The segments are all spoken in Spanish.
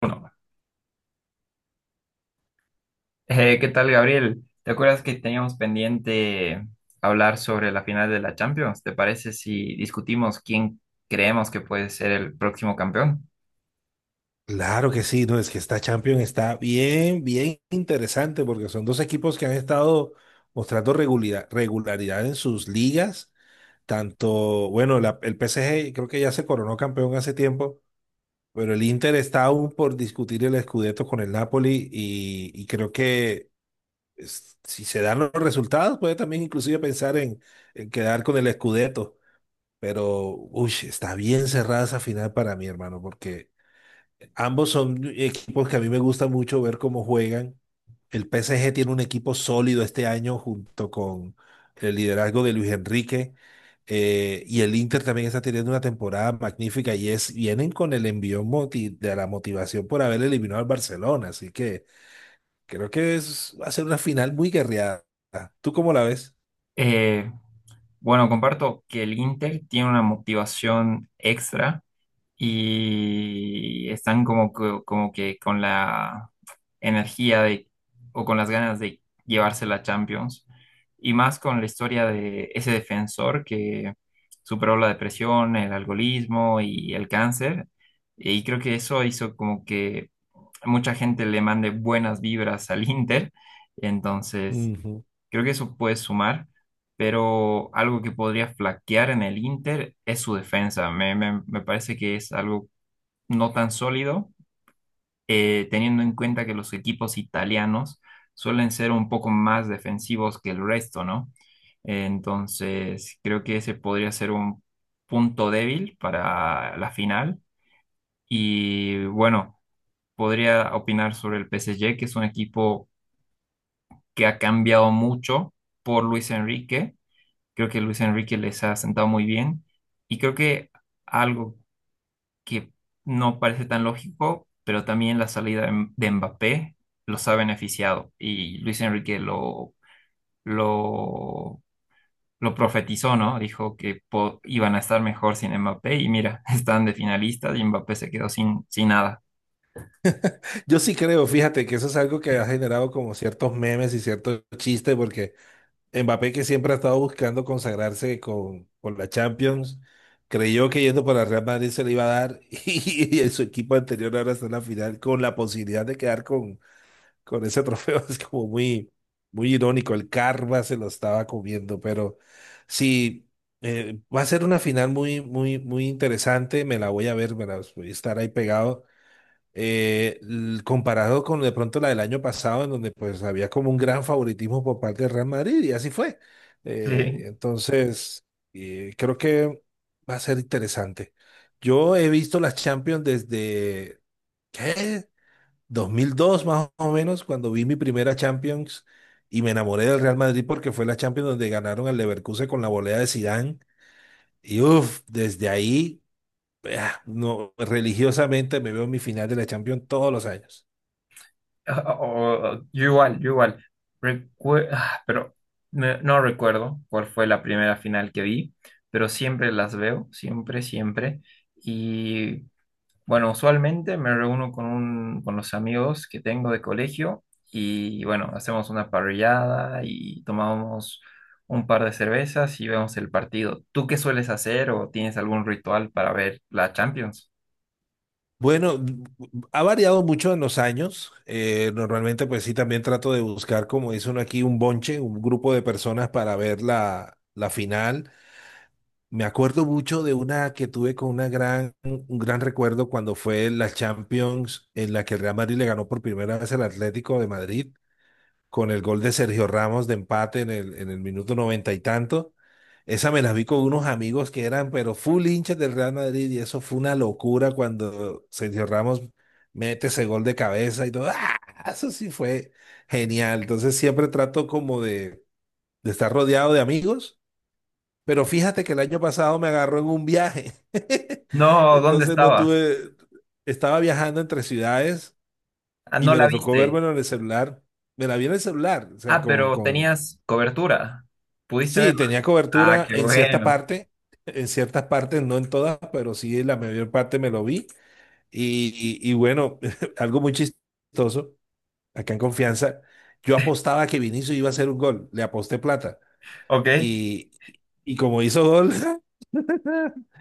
Bueno, ¿qué tal, Gabriel? ¿Te acuerdas que teníamos pendiente hablar sobre la final de la Champions? ¿Te parece si discutimos quién creemos que puede ser el próximo campeón? Claro que sí, no, es que esta Champions está bien, bien interesante porque son dos equipos que han estado mostrando regularidad, regularidad en sus ligas. Tanto, bueno, el PSG creo que ya se coronó campeón hace tiempo, pero el Inter está aún por discutir el Scudetto con el Napoli y creo que si se dan los resultados puede también inclusive pensar en quedar con el Scudetto. Pero, uy, está bien cerrada esa final para mí, hermano, porque... Ambos son equipos que a mí me gusta mucho ver cómo juegan. El PSG tiene un equipo sólido este año junto con el liderazgo de Luis Enrique. Y el Inter también está teniendo una temporada magnífica y vienen con el envío de la motivación por haber eliminado al Barcelona. Así que creo que va a ser una final muy guerreada. ¿Tú cómo la ves? Eh, bueno, comparto que el Inter tiene una motivación extra y están como, como que con la energía de, o con las ganas de llevarse la Champions. Y más con la historia de ese defensor que superó la depresión, el alcoholismo y el cáncer. Y creo que eso hizo como que mucha gente le mande buenas vibras al Inter. Entonces, Ujú. creo que eso puede sumar. Pero algo que podría flaquear en el Inter es su defensa. Me parece que es algo no tan sólido, teniendo en cuenta que los equipos italianos suelen ser un poco más defensivos que el resto, ¿no? Entonces, creo que ese podría ser un punto débil para la final. Y bueno, podría opinar sobre el PSG, que es un equipo que ha cambiado mucho por Luis Enrique. Creo que Luis Enrique les ha sentado muy bien. Y creo que algo que no parece tan lógico, pero también la salida de Mbappé los ha beneficiado, y Luis Enrique lo, lo profetizó, ¿no? Dijo que iban a estar mejor sin Mbappé y mira, están de finalistas y Mbappé se quedó sin nada. Yo sí creo, fíjate que eso es algo que ha generado como ciertos memes y ciertos chistes, porque Mbappé, que siempre ha estado buscando consagrarse con la Champions, creyó que yendo para el Real Madrid se le iba a dar y, en su equipo anterior ahora está en la final con la posibilidad de quedar con ese trofeo. Es como muy, muy irónico, el karma se lo estaba comiendo, pero sí, va a ser una final muy, muy, muy interesante, me la voy a ver, me la voy a estar ahí pegado comparado con de pronto la del año pasado, en donde pues había como un gran favoritismo por parte del Real Madrid, y así fue. Eh, Sí, entonces, Creo que va a ser interesante. Yo he visto las Champions desde, ¿qué? 2002 más o menos, cuando vi mi primera Champions y me enamoré del Real Madrid porque fue la Champions donde ganaron al Leverkusen con la volea de Zidane. Y uff, desde ahí, ah, no, religiosamente me veo mi final de la Champions todos los años. o- yo igual, yo igual. Recue- ah, pero no recuerdo cuál fue la primera final que vi, pero siempre las veo, siempre, siempre. Y bueno, usualmente me reúno con los amigos que tengo de colegio, y bueno, hacemos una parrillada y tomamos un par de cervezas y vemos el partido. ¿Tú qué sueles hacer o tienes algún ritual para ver la Champions? Bueno, ha variado mucho en los años. Normalmente, pues sí, también trato de buscar, como dice uno aquí, un bonche, un grupo de personas para ver la final. Me acuerdo mucho de una que tuve con un gran recuerdo cuando fue la Champions en la que el Real Madrid le ganó por primera vez al Atlético de Madrid con el gol de Sergio Ramos de empate en el minuto noventa y tanto. Esa me la vi con unos amigos que eran, pero full hinchas del Real Madrid, y eso fue una locura cuando Sergio Ramos mete ese gol de cabeza y todo. ¡Ah! Eso sí fue genial. Entonces siempre trato como de estar rodeado de amigos, pero fíjate que el año pasado me agarró en un viaje. No, ¿dónde Entonces no estabas? tuve, estaba viajando entre ciudades Ah, y no me la lo tocó viste. verme en el celular. Me la vi en el celular, o sea, Ah, con, pero con, tenías cobertura. ¿Pudiste Sí, verla? tenía Ah, cobertura qué en cierta bueno. parte, en ciertas partes, no en todas, pero sí en la mayor parte me lo vi. Y, y bueno, algo muy chistoso, acá en Confianza, yo apostaba que Vinicius iba a hacer un gol, le aposté plata. Ok. Y, y como hizo gol,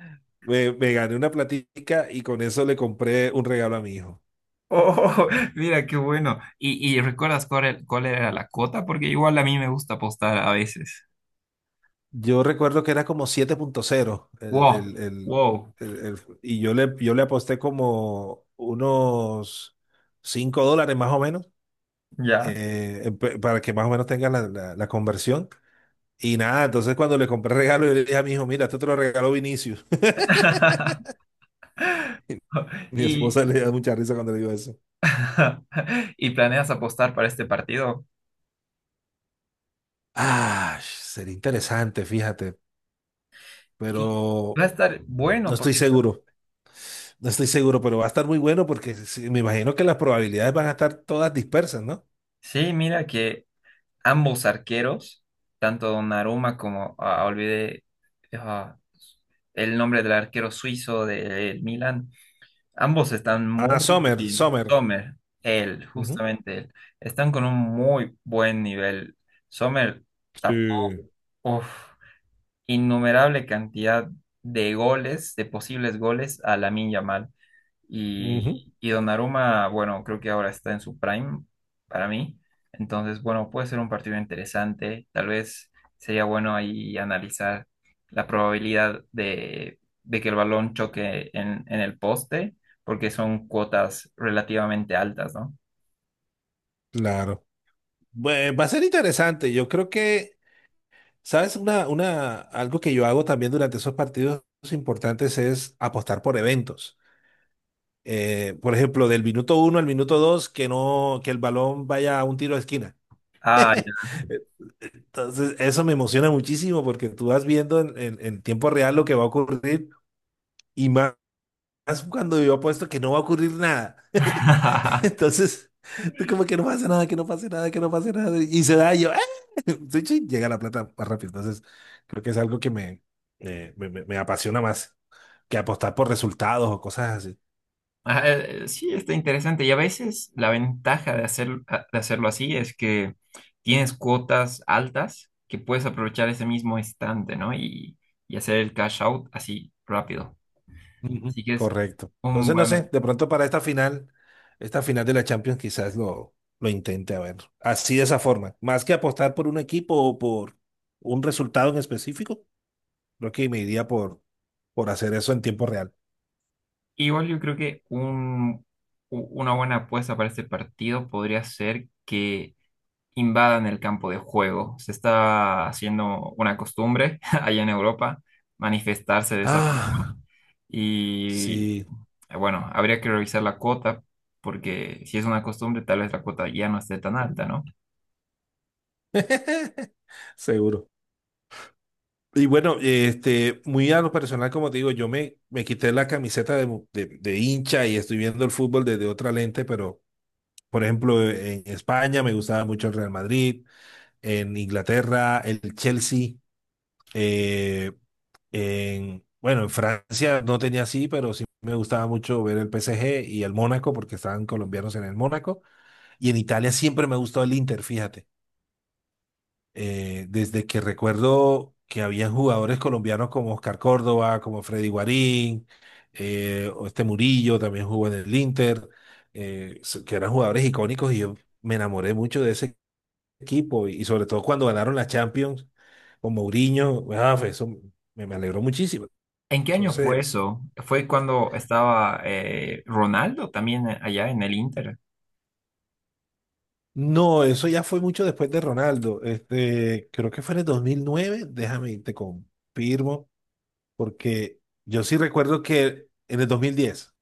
me gané una platica y con eso le compré un regalo a mi hijo. Oh, mira, qué bueno. Y recuerdas cuál era la cuota? Porque igual a mí me gusta apostar a veces. Yo recuerdo que era como 7.0 Wow, wow. el- el- y yo yo le aposté como unos... $5 más o menos. Ya. Para que más o menos tenga la conversión. Y nada, entonces cuando le compré el regalo, yo le dije a mi hijo, mira, esto te lo regaló Vinicius. Mi Y, esposa le da mucha risa cuando le digo eso. ¿y planeas apostar para este partido? Ah, sería interesante, fíjate, Y pero va a estar no bueno estoy porque seguro, no estoy seguro, pero va a estar muy bueno porque sí, me imagino que las probabilidades van a estar todas dispersas, ¿no? sí, mira que ambos arqueros, tanto Donnarumma como olvidé ah, el nombre del arquero suizo del Milan, ambos están Ah, muy Sommer, bien. Sommer. Sommer, él, Ujú. justamente él, están con un muy buen nivel. Sommer tapó. Sí. Uf. Innumerable cantidad de goles, de posibles goles a Lamine Yamal. Y, Ujú. y Donnarumma, bueno, creo que ahora está en su prime para mí. Entonces, bueno, puede ser un partido interesante. Tal vez sería bueno ahí analizar la probabilidad de que el balón choque en el poste, porque son cuotas relativamente altas, ¿no? Claro. Va a ser interesante. Yo creo que... ¿Sabes? Algo que yo hago también durante esos partidos importantes es apostar por eventos. Por ejemplo, del minuto 1 al minuto 2, que no, que el balón vaya a un tiro de esquina. Ah, ya. Entonces, eso me emociona muchísimo porque tú vas viendo en tiempo real lo que va a ocurrir. Y más cuando yo apuesto que no va a ocurrir nada. Entonces, tú como que no pasa nada, que no pase nada, que no pase nada. Y se da y yo, ¡ah! Sí, sí, llega la plata más rápido. Entonces, creo que es algo que me apasiona más que apostar por resultados o cosas así. Ah, sí, está interesante. Y a veces la ventaja de de hacerlo así es que tienes cuotas altas que puedes aprovechar ese mismo instante, ¿no? Y hacer el cash out así rápido. Ujú. Así que es Correcto. un Entonces, no sé, buen... de pronto para esta final de la Champions quizás lo intente a ver. Así de esa forma. Más que apostar por un equipo o por un resultado en específico, creo que me iría por hacer eso en tiempo real. Igual yo creo que una buena apuesta para este partido podría ser que invadan el campo de juego. Se está haciendo una costumbre allá en Europa manifestarse de esa Ah, forma. Y sí. Bueno, habría que revisar la cuota, porque si es una costumbre, tal vez la cuota ya no esté tan alta, ¿no? Seguro. Y bueno, muy a lo personal, como te digo, yo me quité la camiseta de hincha y estoy viendo el fútbol desde otra lente, pero por ejemplo, en España me gustaba mucho el Real Madrid, en Inglaterra el Chelsea, eh, bueno, en Francia no tenía así, pero sí me gustaba mucho ver el PSG y el Mónaco porque estaban colombianos en el Mónaco. Y en Italia siempre me ha gustado el Inter, fíjate. Desde que recuerdo que habían jugadores colombianos como Oscar Córdoba, como Freddy Guarín, o este Murillo también jugó en el Inter, que eran jugadores icónicos y yo me enamoré mucho de ese equipo y sobre todo cuando ganaron la Champions con Mourinho, ah, fue eso me alegró muchísimo. ¿En qué año fue Entonces, eso? ¿Fue cuando estaba Ronaldo también allá en el Inter? no, eso ya fue mucho después de Ronaldo. Creo que fue en el 2009 déjame, te confirmo. Porque yo sí recuerdo que en el 2010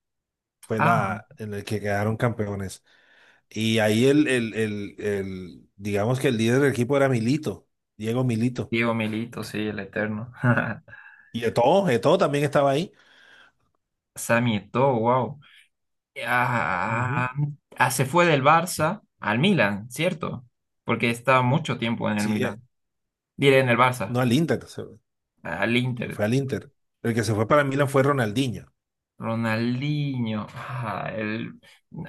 fue Ah, la en el que quedaron campeones. Y ahí digamos que el líder del equipo era Milito, Diego Milito. Diego Milito, sí, el eterno. Y Eto'o, Eto'o también estaba ahí. Sammy Eto'o, wow. Ujú. Ah, se fue del Barça al Milan, ¿cierto? Porque estaba mucho tiempo en el Sí, Milan. Diré en el no Barça, al Inter, al se Inter. fue al Inter. El que se fue para Milan fue Ronaldinho. Ronaldinho, ah, el-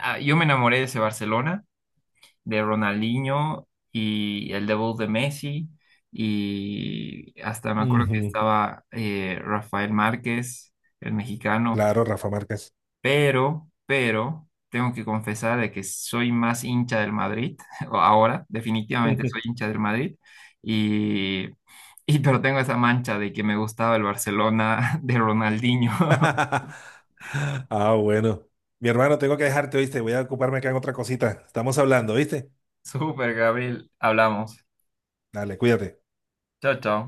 ah, yo me enamoré de ese Barcelona de Ronaldinho y el debut de Messi. Y hasta me acuerdo que Ujú. estaba Rafael Márquez, el mexicano. Claro, Rafa Márquez. Pero, tengo que confesar de que soy más hincha del Madrid. o Ahora, definitivamente soy hincha del Madrid. Y, pero tengo esa mancha de que me gustaba el Barcelona de Ronaldinho. Ah, bueno. Mi hermano, tengo que dejarte, ¿viste? Voy a ocuparme acá en otra cosita. Estamos hablando, ¿viste? Súper, Gabriel. Hablamos. Dale, cuídate. Chao, chao.